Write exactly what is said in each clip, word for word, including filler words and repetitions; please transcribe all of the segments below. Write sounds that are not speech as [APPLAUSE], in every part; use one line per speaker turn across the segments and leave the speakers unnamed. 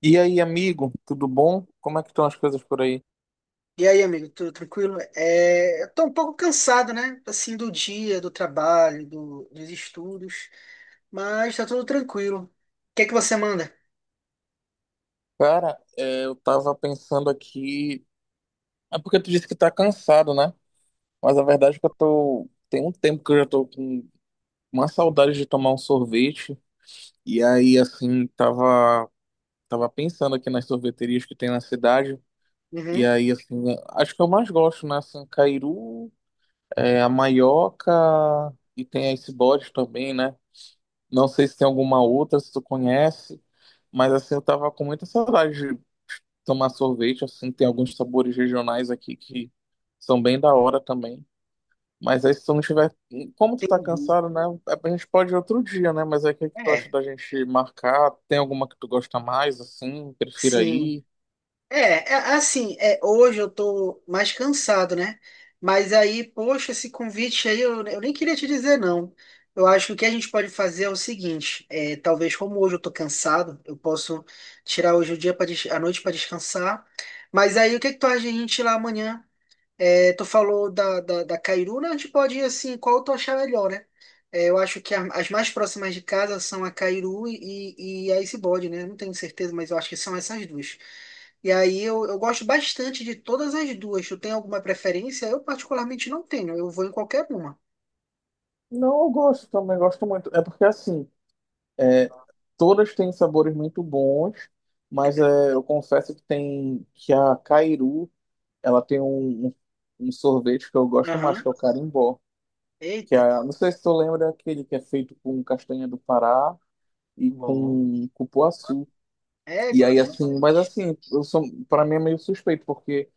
E aí, amigo, tudo bom? Como é que estão as coisas por aí?
E aí, amigo, tudo tranquilo? É, eu tô um pouco cansado, né? Assim, do dia, do trabalho, do- dos estudos, mas tá tudo tranquilo. O que é que você manda?
Cara, é, eu tava pensando aqui. É porque tu disse que tá cansado, né? Mas a verdade é que eu tô. Tem um tempo que eu já tô com uma saudade de tomar um sorvete. E aí, assim, tava, tava pensando aqui nas sorveterias que tem na cidade. E
Uhum,
aí, assim, acho que eu mais gosto, né? Assim, Cairu, é, a Maioca e tem a Icebox também, né? Não sei se tem alguma outra, se tu conhece, mas assim, eu tava com muita saudade de tomar sorvete, assim, tem alguns sabores regionais aqui que são bem da hora também. Mas aí se tu não tiver, como tu tá
entendi.
cansado, né, a gente pode ir outro dia, né, mas aí o que que tu acha
É,
da gente marcar? Tem alguma que tu gosta mais, assim, prefira
sim.
ir?
É, é, assim, é, hoje eu tô mais cansado, né? Mas aí, poxa, esse convite aí eu, eu nem queria te dizer, não. Eu acho que o que a gente pode fazer é o seguinte: é, talvez, como hoje eu tô cansado, eu posso tirar hoje o dia para a noite para descansar. Mas aí, o que que tu acha de a gente ir lá amanhã? É, tu falou da, da, da Cairuna, a gente pode ir assim, qual tu achar melhor, né? É, eu acho que a- as mais próximas de casa são a Cairu e, e a Icebod, né? Não tenho certeza, mas eu acho que são essas duas. E aí eu, eu gosto bastante de todas as duas. Tu tem alguma preferência? Eu particularmente não tenho, eu vou em qualquer uma.
Não, eu gosto também, gosto muito. É porque assim, é, todas têm sabores muito bons, mas é, eu confesso que tem que a Cairu ela tem um, um, um sorvete que eu gosto mais,
Aham.
que é o carimbó. Que é,
Eita.
não sei se tu lembra é aquele que é feito com castanha do Pará e
Bom,
com cupuaçu. E
égua,
aí,
bem
assim, mas
diferente.
assim, eu sou, para mim é meio suspeito, porque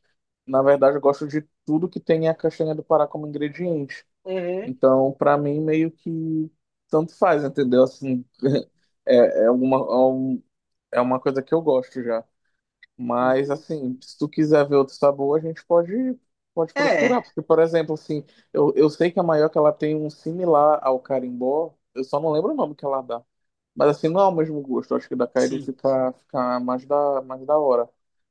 na verdade eu gosto de tudo que tem a castanha do Pará como ingrediente.
Uhum.
Então, para mim, meio que tanto faz, entendeu? Assim, [LAUGHS] é, é, uma, é um- é uma coisa que eu gosto já. Mas assim, se tu quiser ver outro sabor, a gente pode, pode
É,
procurar. Porque, por exemplo, assim, eu, eu sei que a Maioca ela tem um similar ao carimbó, eu só não lembro o nome que ela dá. Mas assim, não é o mesmo gosto. Eu acho que da Cairo
sim,
fica, fica mais da, mais da hora.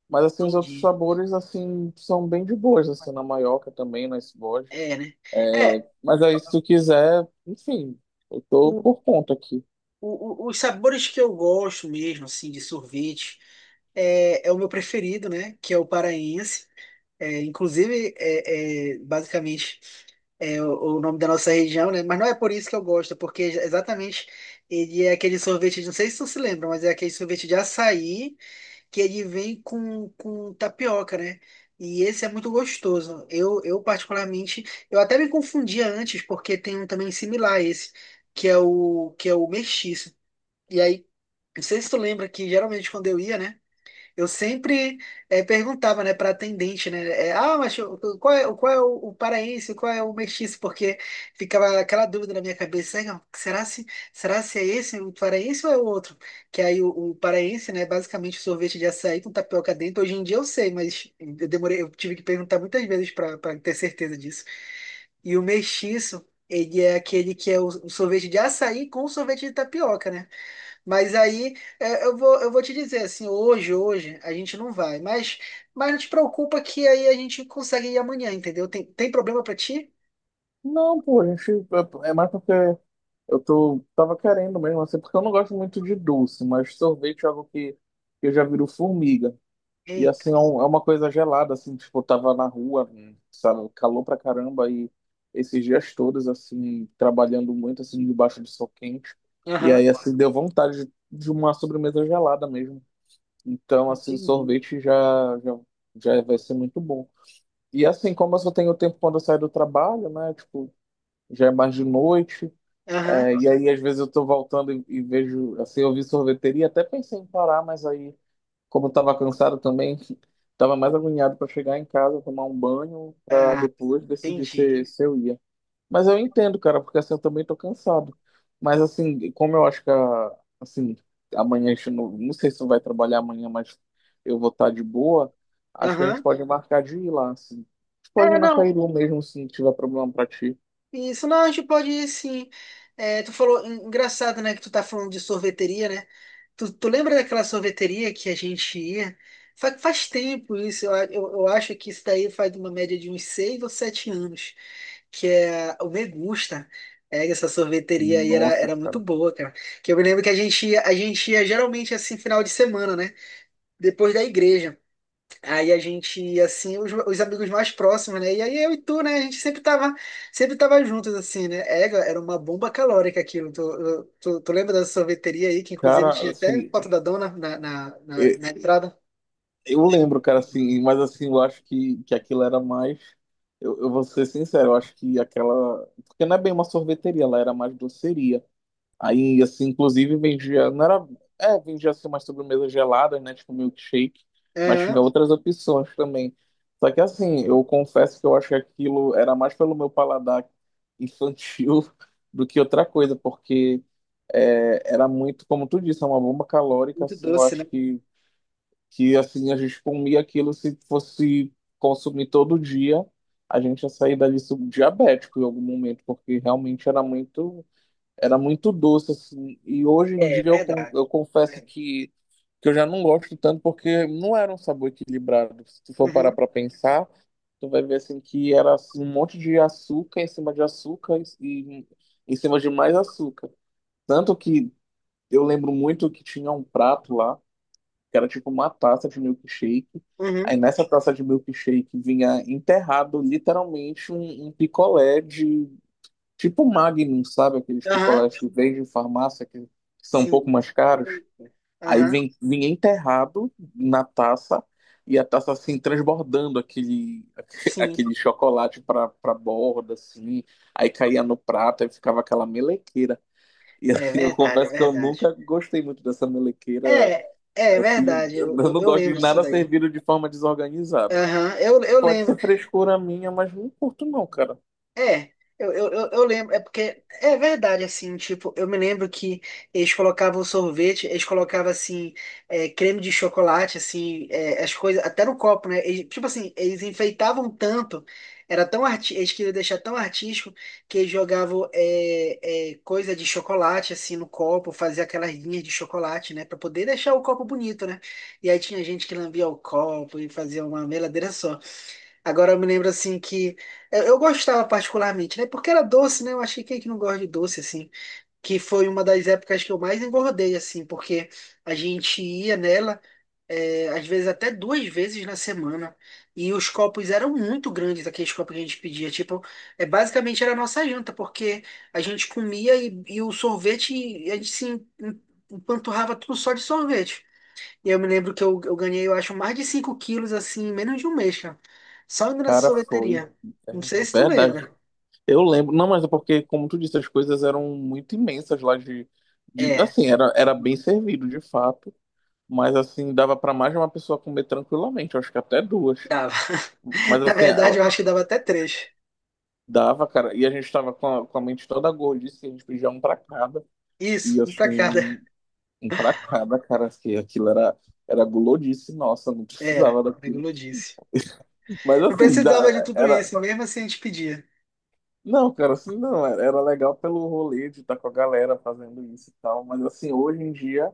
Mas assim, os outros
entendi.
sabores, assim, são bem de boas, assim, na Maioca também, na esbode.
É, né? É.
Mas aí, se tu quiser, enfim, eu tô por conta aqui.
o- o- os sabores que eu gosto mesmo, assim, de sorvete, é, é o meu preferido, né? Que é o paraense. É, inclusive, é, é, basicamente, é o, o nome da nossa região, né? Mas não é por isso que eu gosto, é porque exatamente ele é aquele sorvete, não sei se tu se lembra, mas é aquele sorvete de açaí que ele vem com, com tapioca, né? E esse é muito gostoso. Eu, eu particularmente, eu até me confundia antes, porque tem um também similar a esse, que é o que é o mestiço. E aí, não sei se tu lembra que geralmente quando eu ia, né? Eu sempre eh, perguntava, né, para atendente, né? Eh, ah, mas o- o- qual é, o- qual é o, o paraense, qual é o mestiço? Porque ficava aquela dúvida na minha cabeça, "Ah, será se, será se é esse o paraense ou é o outro? Que aí o, o paraense, né, basicamente sorvete de açaí com tapioca dentro. Hoje em dia eu sei, mas eu demorei, eu tive que perguntar muitas vezes para ter certeza disso. E o mestiço, ele é aquele que é o, o sorvete de açaí com sorvete de tapioca, né? Mas aí é, eu vou, eu vou te dizer assim, hoje, hoje a gente não vai, mas, mas não te preocupa que aí a gente consegue ir amanhã, entendeu? Tem, tem problema pra ti?
Não, pô, a gente. É é mais porque. Eu tô, tava querendo mesmo, assim, porque eu não gosto muito de doce, mas sorvete é algo que, que eu já viro formiga. E assim,
Eita.
é um- é uma coisa gelada, assim, tipo, eu tava na rua, sabe, calor pra caramba, e esses dias todos, assim, trabalhando muito, assim, debaixo de sol quente. E
Aham.
aí, assim, deu vontade de, de uma sobremesa gelada mesmo. Então, assim,
Entendi.
sorvete já, já, já vai ser muito bom. E assim, como eu só tenho tempo quando eu saio do trabalho, né, tipo, já é mais de noite.
Aham,
É, e aí, às vezes, eu tô voltando e, e vejo, assim, eu vi sorveteria, até pensei em parar, mas aí, como eu tava cansado também, [LAUGHS] tava mais agoniado para chegar em casa, tomar um banho, para depois decidir
entendi.
se, se eu ia. Mas eu entendo, cara, porque assim, eu também tô cansado. Mas assim, como eu acho que, a- assim, amanhã a gente não, não sei se tu vai trabalhar amanhã, mas eu vou estar de boa, acho que a gente
Aham.
pode marcar de ir lá, assim. A gente pode ir
É,
na
não.
Cairu mesmo, se não tiver problema pra ti.
Isso, não, a gente pode ir sim. É, tu falou, en- engraçado, né, que tu tá falando de sorveteria, né? Tu, tu lembra daquela sorveteria que a gente ia? Fa- Faz, tempo isso, eu, a- eu, eu acho que isso daí faz uma média de uns seis ou sete anos, que é o Megusta. É, essa sorveteria aí era,
Nossa,
era muito
cara.
boa, cara. Que eu me lembro que a gente ia, a gente ia geralmente assim, final de semana, né? Depois da igreja. Aí a gente ia assim, os, os amigos mais próximos, né? E aí eu e tu, né? A gente sempre tava, sempre tava juntos, assim, né? É, era uma bomba calórica aquilo. Tu, tu, tu lembra dessa sorveteria aí, que inclusive
Cara,
tinha até
assim,
foto da dona na, na, na,
Eu,
na entrada?
eu lembro, cara, assim, mas assim, eu acho que, que aquilo era mais. Eu, eu vou ser sincero, eu acho que aquela. Porque não é bem uma sorveteria, ela era mais doceria. Aí, assim, inclusive vendia. Não era. É, vendia assim umas sobremesas geladas, né? Tipo milkshake. Mas tinha
Aham.
outras opções também. Só que, assim, eu confesso que eu acho que aquilo era mais pelo meu paladar infantil [LAUGHS] do que outra coisa, porque é, era muito, como tu disse, é uma bomba calórica,
Muito
assim, eu
doce, né?
acho que que assim a gente comia aquilo se fosse consumir todo dia, a gente ia sair dali subdiabético em algum momento, porque realmente era muito era muito doce assim. E hoje em
É,
dia eu, con-
verdade.
eu
É
confesso
verdade.
que que eu já não gosto tanto porque não era um sabor equilibrado. Se tu for parar
Uhum,
para pensar, tu vai ver assim que era assim, um monte de açúcar em cima de açúcar e e em cima de mais açúcar. Tanto que eu lembro muito que tinha um prato lá que era tipo uma taça de milkshake. Aí
uhum,
nessa taça de milkshake vinha enterrado literalmente um, um picolé de tipo Magnum, sabe? Aqueles
aham,
picolés que vem de farmácia que são um pouco
sim.
mais caros.
Delícia.
Aí
Aham,
vem, vinha enterrado na taça e a taça assim transbordando aquele, [LAUGHS]
sim.
aquele chocolate para para borda assim. Aí caía no prato e ficava aquela melequeira. E
É
assim, eu
verdade, é
confesso que eu
verdade.
nunca gostei muito dessa melequeira.
É, é
Assim,
verdade,
eu
eu, eu,
não
eu
gosto de
lembro disso
nada
daí.
servido de forma desorganizada.
Aham, eu, eu
Pode
lembro.
ser frescura minha, mas não curto não, cara.
É, eu, eu, eu eu lembro, é porque é verdade, assim, tipo, eu me lembro que eles colocavam sorvete, eles colocavam, assim, é, creme de chocolate, assim, é, as coisas, até no copo, né? Eles- tipo assim, eles enfeitavam tanto, era tão arti eles queriam deixar tão artístico que eles jogavam é, é, coisa de chocolate, assim, no copo, fazia aquelas linhas de chocolate, né? Pra poder deixar o copo bonito, né? E aí tinha gente que lambia o copo e fazia uma meladeira só. Agora eu me lembro assim que eu, eu gostava particularmente, né? Porque era doce, né? Eu acho que quem é que não gosta de doce assim, que foi uma das épocas que eu mais engordei assim, porque a gente ia nela é, às vezes até duas vezes na semana e os copos eram muito grandes, aqueles copos que a gente pedia, tipo, é basicamente era a nossa janta, porque a gente comia e, e o sorvete a gente se em- em- empanturrava tudo só de sorvete. E eu me lembro que eu, eu ganhei, eu acho, mais de cinco quilos, assim, em menos de um mês, cara. Só indo nessa
Cara, foi.
sorveteria. Não
É,
sei
é
se tu
verdade.
lembra.
Eu lembro. Não, mas é porque, como tu disse, as coisas eram muito imensas lá de, de-
É,
assim, era, era bem servido, de fato. Mas assim, dava pra mais de uma pessoa comer tranquilamente. Eu acho que até duas.
dava.
Mas
[LAUGHS] Na
assim, é,
verdade,
ó,
eu acho que dava até três.
dava, cara. E a gente tava com a, com a mente toda gordice, a gente pedia um pra cada.
Isso,
E
um pra cada.
assim, um pra cada, cara, que aquilo era, era gulodice, nossa, não
Era,
precisava daquilo.
como eu disse.
Mas
Não
assim,
precisava de
dá-
tudo
era.
isso, mesmo assim a gente pedia.
Não, cara, assim não, era, era legal pelo rolê de estar com a galera fazendo isso e tal. Mas assim, hoje em dia,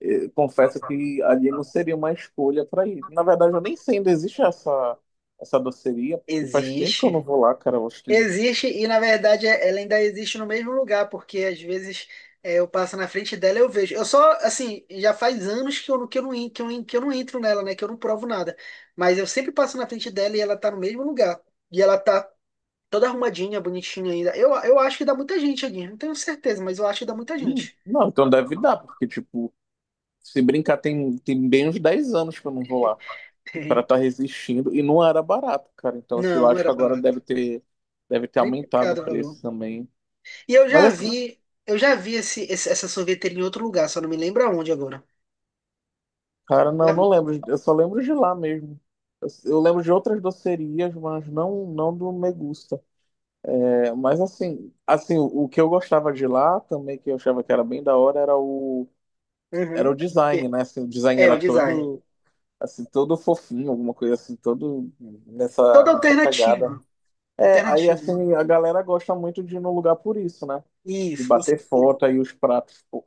eh, confesso que ali não seria uma escolha pra ir. Na verdade, eu nem sei, ainda existe essa, essa doceria, porque faz tempo que eu não
Existe.
vou lá, cara. Eu acho que.
Existe, e na verdade é- ela ainda existe no mesmo lugar, porque às vezes é, eu passo na frente dela e eu vejo. Eu só, assim, já faz anos que eu, não- que eu não, en- que eu, en- que eu não entro nela, né? Que eu não provo nada. Mas eu sempre passo na frente dela e ela tá no mesmo lugar. E ela tá toda arrumadinha, bonitinha ainda. Eu, eu acho que dá muita gente aqui, não tenho certeza, mas eu acho que dá muita
Hum,
gente.
não, então deve
[LAUGHS]
dar, porque, tipo, se brincar, tem, tem bem uns dez anos que eu não vou lá. Para
Tem.
estar resistindo e não era barato, cara. Então, assim, eu
Não, não
acho
era
que agora deve
barato.
ter deve ter aumentado o
Triplicado o valor.
preço também.
E eu
Mas
já
assim,
vi, eu já vi esse, esse- essa sorveteria em outro lugar, só não me lembro aonde agora.
cara, não, não lembro, eu só lembro de lá mesmo. Eu, eu lembro de outras docerias, mas não não do Megusta. É, mas assim, assim, o, o que eu gostava de lá também que eu achava que era bem da hora era o era o
Uhum.
design, né?
É,
Assim, o design
é
era
o design.
todo assim, todo fofinho, alguma coisa assim, todo nessa
Toda
nessa pegada.
alternativa.
É, aí
Alternativa, né?
assim, a galera gosta muito de ir no lugar por isso, né? De
Isso, com
bater
certeza.
foto aí os pratos, por,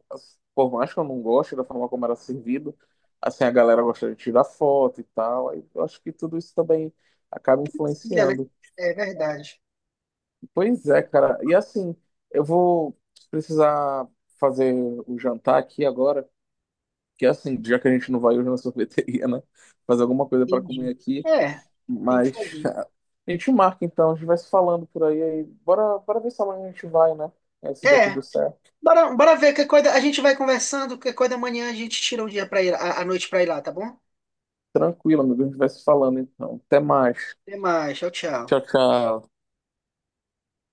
por mais que eu não goste da forma como era servido, assim, a galera gosta de tirar foto e tal. Aí eu acho que tudo isso também acaba
Se é, né?
influenciando.
É verdade.
Pois é, cara. E assim, eu vou precisar fazer o jantar aqui agora, que assim, já que a gente não vai hoje na sorveteria, né? Fazer alguma coisa para comer
Entendi.
aqui.
É, tem que
Mas
fazer.
a gente marca então, a gente vai se falando por aí, aí. Bora, bora ver se amanhã a gente vai, né? É, se der
É,
tudo certo.
bora, bora ver que coisa. A gente vai conversando, que coisa da manhã a gente tira um dia para ir, a, a noite para ir lá, tá bom?
Tranquilo, amigo, a gente vai se falando então. Até mais.
Até mais, tchau, tchau.
Tchau, tchau.